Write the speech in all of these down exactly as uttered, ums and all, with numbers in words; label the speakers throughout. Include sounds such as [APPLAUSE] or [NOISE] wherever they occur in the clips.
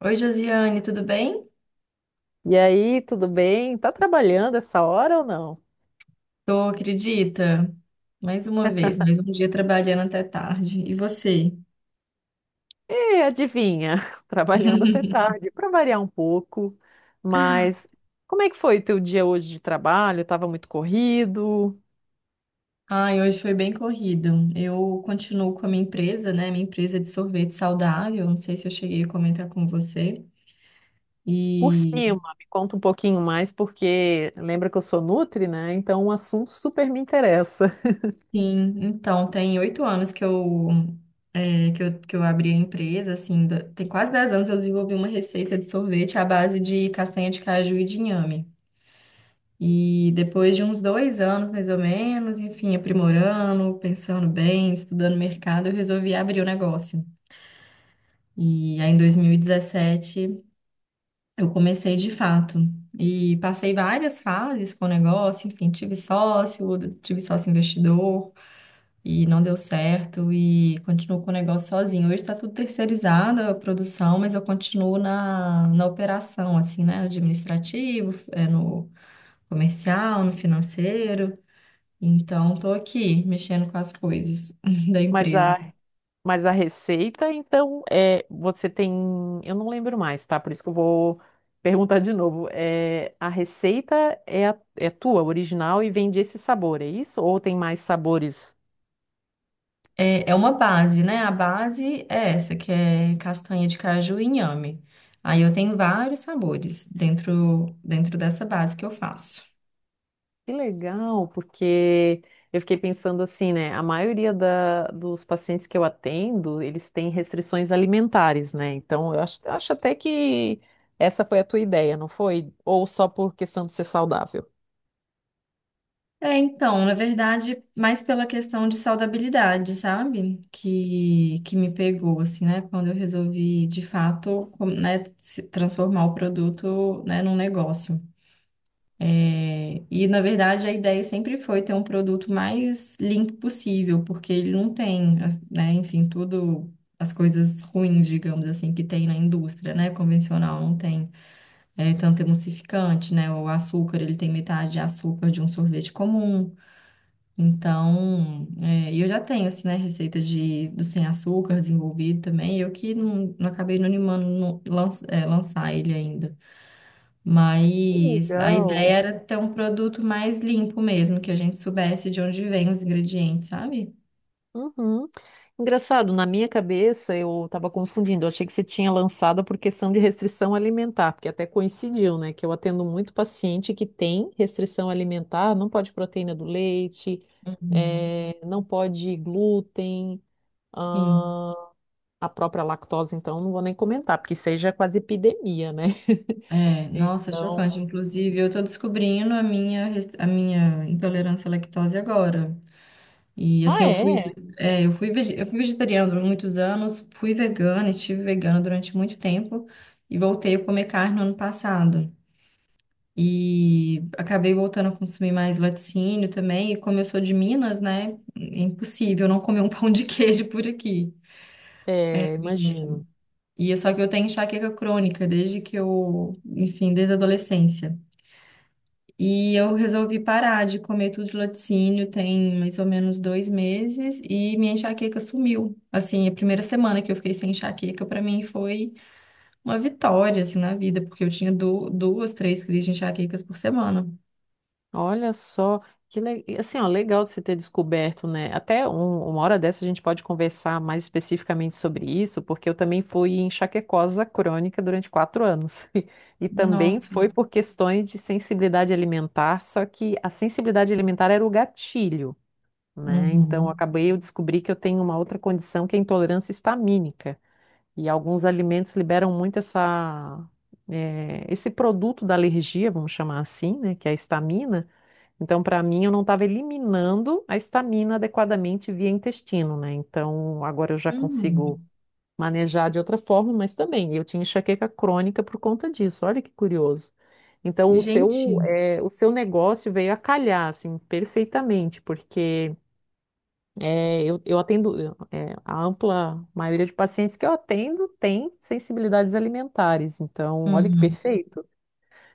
Speaker 1: Oi, Josiane, tudo bem?
Speaker 2: E aí, tudo bem? Tá trabalhando essa hora ou não?
Speaker 1: Tô, acredita? Mais uma vez, mais um dia trabalhando até tarde. E você?
Speaker 2: E adivinha, [LAUGHS] trabalhando até tarde, para variar um pouco. Mas como é que foi o teu dia hoje de trabalho? Tava muito corrido?
Speaker 1: Ai, hoje foi bem corrido. Eu continuo com a minha empresa, né? Minha empresa é de sorvete saudável. Não sei se eu cheguei a comentar com você.
Speaker 2: Por
Speaker 1: E
Speaker 2: cima, me conta um pouquinho mais, porque lembra que eu sou nutri, né? Então o assunto super me interessa.
Speaker 1: sim, então, tem oito anos que eu, é, que eu, que eu abri a empresa, assim, do- tem quase dez anos eu desenvolvi uma receita de sorvete à base de castanha de caju e de inhame. E depois de uns dois anos, mais ou menos, enfim, aprimorando, pensando bem, estudando mercado, eu resolvi abrir o negócio. E aí, em dois mil e dezessete, eu comecei de fato. E passei várias fases com o negócio, enfim, tive sócio, tive sócio investidor, e não deu certo, e continuo com o negócio sozinho. Hoje está tudo terceirizado, a produção, mas eu continuo na, na operação, assim, né? Administrativo, é, no comercial, no financeiro. Então, estou aqui mexendo com as coisas [LAUGHS] da
Speaker 2: Mas
Speaker 1: empresa.
Speaker 2: a, mas a receita, então, é, você tem. Eu não lembro mais, tá? Por isso que eu vou perguntar de novo. É, a receita é, a- é tua, original, e vem desse sabor, é isso? Ou tem mais sabores?
Speaker 1: É, é uma base, né? A base é essa, que é castanha de caju e inhame. Aí eu tenho vários sabores dentro, dentro dessa base que eu faço.
Speaker 2: Que legal, porque eu fiquei pensando assim, né? A maioria da- dos pacientes que eu atendo, eles têm restrições alimentares, né? Então, eu acho, acho até que essa foi a tua ideia, não foi? Ou só por questão de ser saudável?
Speaker 1: É, então, na verdade, mais pela questão de saudabilidade, sabe? Que, que me pegou, assim, né? Quando eu resolvi, de fato, com- né, se transformar o produto, né, num negócio. E, na verdade, a ideia sempre foi ter um produto mais limpo possível, porque ele não tem, né, enfim, tudo, as coisas ruins, digamos assim, que tem na indústria, né, convencional, não tem é, tanto emulsificante, né, o açúcar, ele tem metade de açúcar de um sorvete comum. Então, é, e eu já tenho, assim, né, receita de, do sem açúcar desenvolvido também, eu que não, não acabei não animando no- lan- é, lançar ele ainda.
Speaker 2: Que
Speaker 1: Mas a ideia
Speaker 2: legal.
Speaker 1: era ter um produto mais limpo mesmo, que a gente soubesse de onde vem os ingredientes, sabe?
Speaker 2: Uhum. Engraçado, na minha cabeça eu estava confundindo. Eu achei que você tinha lançado por questão de restrição alimentar, porque até coincidiu, né? Que eu atendo muito paciente que tem restrição alimentar, não pode proteína do leite,
Speaker 1: Uhum.
Speaker 2: eh, não pode glúten,
Speaker 1: Sim.
Speaker 2: ah, a própria lactose, então não vou nem comentar, porque isso aí já é quase epidemia, né? [LAUGHS]
Speaker 1: É, nossa, chocante.
Speaker 2: Então.
Speaker 1: Inclusive, eu tô descobrindo a minha, res- a minha intolerância à lactose agora. E assim,
Speaker 2: Ah,
Speaker 1: eu fui,
Speaker 2: é?
Speaker 1: é, eu fui, vege- eu fui vegetariana durante muitos anos, fui vegana, estive vegana durante muito tempo e voltei a comer carne no ano passado. E acabei voltando a consumir mais laticínio também. E como eu sou de Minas, né? É impossível não comer um [LAUGHS] pão de queijo por aqui.
Speaker 2: É,
Speaker 1: E
Speaker 2: imagino.
Speaker 1: e é só que eu tenho enxaqueca crônica desde que eu, enfim, desde a adolescência. E eu resolvi parar de comer tudo de laticínio tem mais ou menos dois meses e minha enxaqueca sumiu. Assim, a primeira semana que eu fiquei sem enxaqueca, para mim foi uma vitória, assim, na vida, porque eu tinha du- duas, três crises de enxaquecas por semana.
Speaker 2: Olha só, que le- e assim, ó, legal de você ter descoberto, né? Até um- uma hora dessa a gente pode conversar mais especificamente sobre isso, porque eu também fui enxaquecosa crônica durante quatro anos. [LAUGHS] E também
Speaker 1: Nossa.
Speaker 2: foi por questões de sensibilidade alimentar, só que a sensibilidade alimentar era o gatilho, né? Então eu
Speaker 1: Uhum.
Speaker 2: acabei, eu descobri que eu tenho uma outra condição que é a intolerância histamínica. E alguns alimentos liberam muito essa, eh, esse produto da alergia, vamos chamar assim, né? Que é a histamina. Então, para mim, eu não estava eliminando a histamina adequadamente via intestino, né? Então, agora eu já consigo
Speaker 1: Hum,
Speaker 2: manejar de outra forma, mas também eu tinha enxaqueca crônica por conta disso. Olha que curioso. Então, o seu,
Speaker 1: gente,
Speaker 2: eh, o seu negócio veio a calhar, assim, perfeitamente, porque eh, eu, eu atendo, eu, eh, a ampla maioria de pacientes que eu atendo tem sensibilidades alimentares. Então, olha que
Speaker 1: uhum.
Speaker 2: perfeito.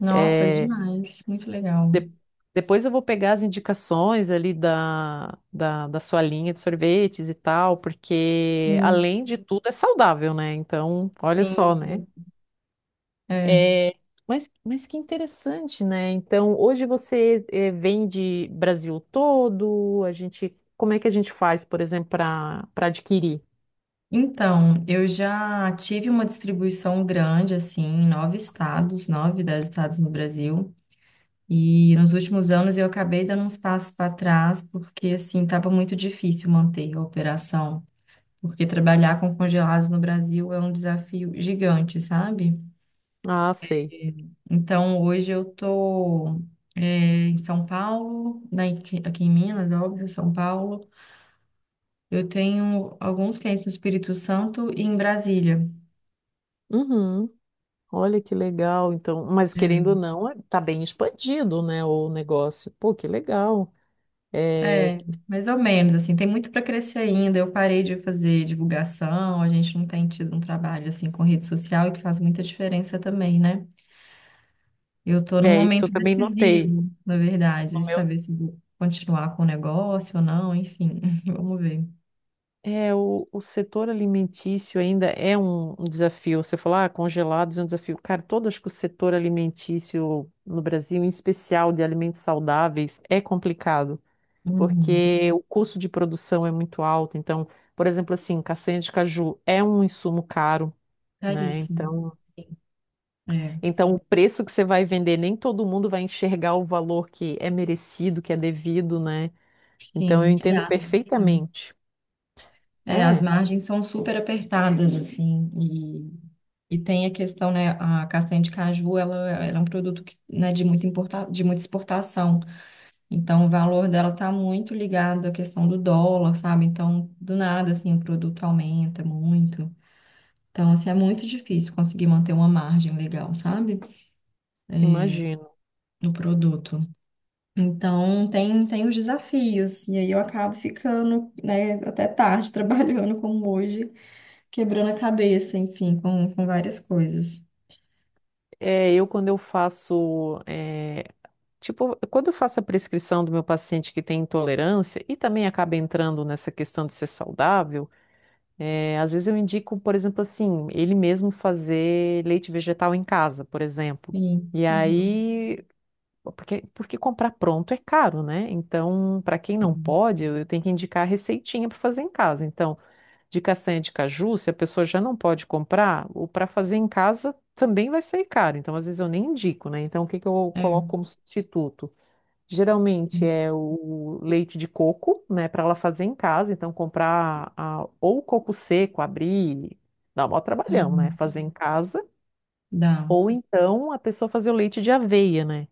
Speaker 1: Nossa,
Speaker 2: Eh,
Speaker 1: demais, muito legal.
Speaker 2: de- Depois eu vou pegar as indicações ali da, da, da sua linha de sorvetes e tal, porque
Speaker 1: Sim,
Speaker 2: além de tudo é saudável, né? Então, olha
Speaker 1: sim,
Speaker 2: só, né?
Speaker 1: sim. É.
Speaker 2: É, mas, mas que interessante, né? Então, hoje você eh, vende Brasil todo, a gente, como é que a gente faz, por exemplo, para para adquirir?
Speaker 1: Então, eu já tive uma distribuição grande, assim, em nove estados, nove, dez estados no Brasil. E nos últimos anos eu acabei dando uns passos para trás, porque, assim, estava muito difícil manter a operação. Porque trabalhar com congelados no Brasil é um desafio gigante, sabe?
Speaker 2: Ah, sei.
Speaker 1: Então, hoje eu tô eh, em São Paulo, né, aqui aqui em Minas, óbvio, São Paulo. Eu tenho alguns clientes no Espírito Santo e em Brasília.
Speaker 2: Uhum. Olha que legal, então, mas querendo ou não, é- tá bem expandido, né, o negócio. Pô, que legal. É,
Speaker 1: É, é, mais ou menos, assim, tem muito para crescer ainda. Eu parei de fazer divulgação, a gente não tem tido um trabalho assim com rede social, e que faz muita diferença também, né? Eu tô num
Speaker 2: é, isso eu
Speaker 1: momento
Speaker 2: também notei.
Speaker 1: decisivo, na verdade, de
Speaker 2: No meu...
Speaker 1: saber se vou continuar com o negócio ou não, enfim, [LAUGHS] vamos ver.
Speaker 2: É, o, o setor alimentício ainda é um, um desafio. Você falou, ah, congelados é um desafio. Cara, todo acho que o setor alimentício no Brasil, em especial de alimentos saudáveis, é complicado,
Speaker 1: Uhum.
Speaker 2: porque o custo de produção é muito alto. Então, por exemplo, assim, castanha de caju é um insumo caro, né?
Speaker 1: Caríssimo.
Speaker 2: Então,
Speaker 1: É.
Speaker 2: então o preço que você vai vender, nem todo mundo vai enxergar o valor que é merecido, que é devido, né? Então, eu
Speaker 1: Sim, é
Speaker 2: entendo
Speaker 1: ácido, né?
Speaker 2: perfeitamente.
Speaker 1: É, as
Speaker 2: É.
Speaker 1: margens são super apertadas, assim, e, e tem a questão, né, a castanha de caju, ela, ela é um produto que, né, de muita importa, de muita exportação, então o valor dela está muito ligado à questão do dólar, sabe? Então, do nada, assim, o produto aumenta muito. Então, assim, é muito difícil conseguir manter uma margem legal, sabe?
Speaker 2: Imagino.
Speaker 1: No produto. Então, tem, tem os desafios, e aí eu acabo ficando, né, até tarde [LAUGHS] trabalhando como hoje quebrando a cabeça, enfim, com, com várias coisas.
Speaker 2: É, eu quando eu faço, é, tipo, quando eu faço a prescrição do meu paciente que tem intolerância e também acaba entrando nessa questão de ser saudável, é, às vezes eu indico, por exemplo, assim, ele mesmo fazer leite vegetal em casa, por exemplo.
Speaker 1: Sim.
Speaker 2: E
Speaker 1: Uhum.
Speaker 2: aí, porque, porque comprar pronto é caro, né? Então, para quem não pode, eu eu tenho que indicar a receitinha para fazer em casa. Então, de castanha de caju, se a pessoa já não pode comprar, o para fazer em casa também vai sair caro. Então, às vezes eu nem indico, né? Então, o que que eu
Speaker 1: É.
Speaker 2: coloco
Speaker 1: É.
Speaker 2: como substituto? Geralmente é o leite de coco, né, para ela fazer em casa. Então, comprar a- ou coco seco, abrir, dá um maior trabalhão, né?
Speaker 1: Uhum.
Speaker 2: Fazer em casa.
Speaker 1: Dá.
Speaker 2: Ou então a pessoa fazer o leite de aveia, né?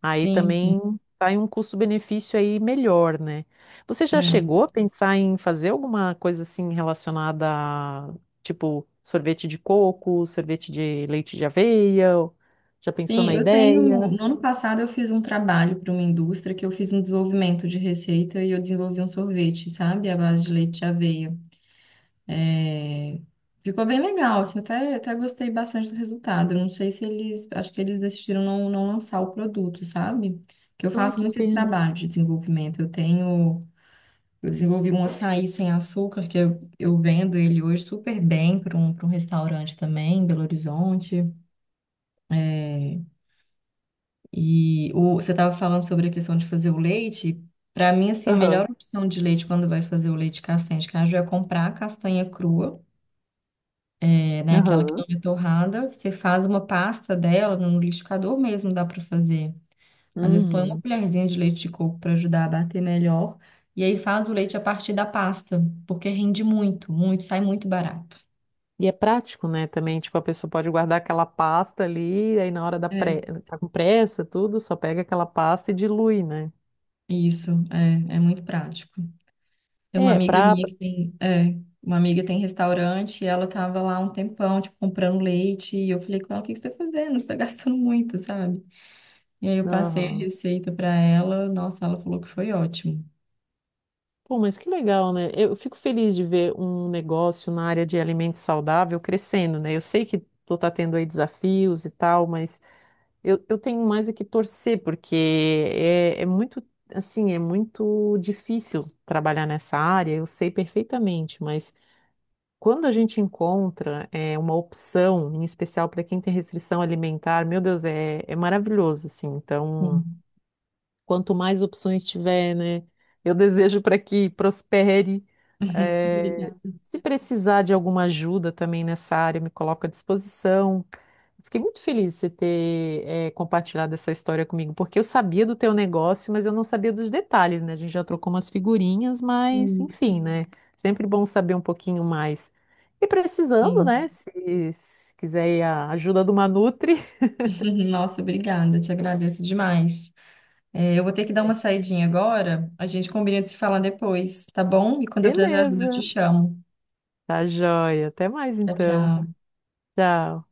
Speaker 2: Aí
Speaker 1: Sim, sim.
Speaker 2: também sai um custo-benefício aí melhor, né? Você já
Speaker 1: É.
Speaker 2: chegou a pensar em fazer alguma coisa assim relacionada a, tipo, sorvete de coco, sorvete de leite de aveia? Já pensou
Speaker 1: Sim,
Speaker 2: na
Speaker 1: eu tenho.
Speaker 2: ideia?
Speaker 1: No ano passado eu fiz um trabalho para uma indústria que eu fiz um desenvolvimento de receita e eu desenvolvi um sorvete, sabe? À base de leite de aveia. É, ficou bem legal, assim, eu até, até gostei bastante do resultado. Eu não sei se eles, acho que eles decidiram não, não lançar o produto, sabe? Que eu
Speaker 2: Ai,
Speaker 1: faço
Speaker 2: que
Speaker 1: muito esse
Speaker 2: pena.
Speaker 1: trabalho de desenvolvimento. Eu tenho Eu desenvolvi um açaí sem açúcar, que eu, eu vendo ele hoje super bem para um, para um restaurante também, em Belo Horizonte. É, e o, você estava falando sobre a questão de fazer o leite. Para mim, assim, a
Speaker 2: Aham,
Speaker 1: melhor opção de leite quando vai fazer o leite castanha de caju é comprar a castanha crua, é, né? Aquela que não
Speaker 2: aham.
Speaker 1: é torrada. Você faz uma pasta dela no liquidificador mesmo, dá para fazer. Às vezes põe uma
Speaker 2: Uhum.
Speaker 1: colherzinha de leite de coco para ajudar a bater melhor. E aí faz o leite a partir da pasta, porque rende muito, muito, sai muito barato.
Speaker 2: E é prático, né, também, tipo, a pessoa pode guardar aquela pasta ali, aí na hora da
Speaker 1: É,
Speaker 2: pre... tá com pressa, tudo, só pega aquela pasta e dilui, né?
Speaker 1: isso, é, é muito prático. Tem uma
Speaker 2: É,
Speaker 1: amiga
Speaker 2: pra...
Speaker 1: minha que tem, é, uma amiga tem restaurante e ela tava lá um tempão, tipo, comprando leite, e eu falei com ela, o que que você tá fazendo? Você tá gastando muito, sabe? E aí eu passei a receita pra ela, nossa, ela falou que foi ótimo.
Speaker 2: Pô, mas que legal, né? Eu fico feliz de ver um negócio na área de alimento saudável crescendo, né? Eu sei que tu tá tendo aí desafios e tal, mas eu, eu tenho mais é que torcer, porque é, é muito, assim, é muito difícil trabalhar nessa área, eu sei perfeitamente, mas quando a gente encontra é, uma opção, em especial para quem tem restrição alimentar, meu Deus, é, é maravilhoso, assim, então.
Speaker 1: Sim.
Speaker 2: Quanto mais opções tiver, né? Eu desejo para que prospere. Eh,
Speaker 1: Obrigada.
Speaker 2: Se precisar de alguma ajuda também nessa área, me coloco à disposição. Fiquei muito feliz de você ter, eh, compartilhado essa história comigo, porque eu sabia do teu negócio, mas eu não sabia dos detalhes, né? A gente já trocou umas figurinhas, mas
Speaker 1: Sim,
Speaker 2: enfim, né? Sempre bom saber um pouquinho mais. E precisando,
Speaker 1: sim.
Speaker 2: né? Se, se quiser aí a ajuda de uma Nutri,
Speaker 1: [LAUGHS] Nossa, obrigada, te agradeço demais. É, eu vou ter que dar uma saidinha agora, a gente combina de se falar depois, tá bom? E
Speaker 2: [LAUGHS]
Speaker 1: quando eu precisar de ajuda, eu te
Speaker 2: beleza.
Speaker 1: chamo.
Speaker 2: Tá joia. Até mais
Speaker 1: Tchau,
Speaker 2: então.
Speaker 1: tchau.
Speaker 2: Tchau.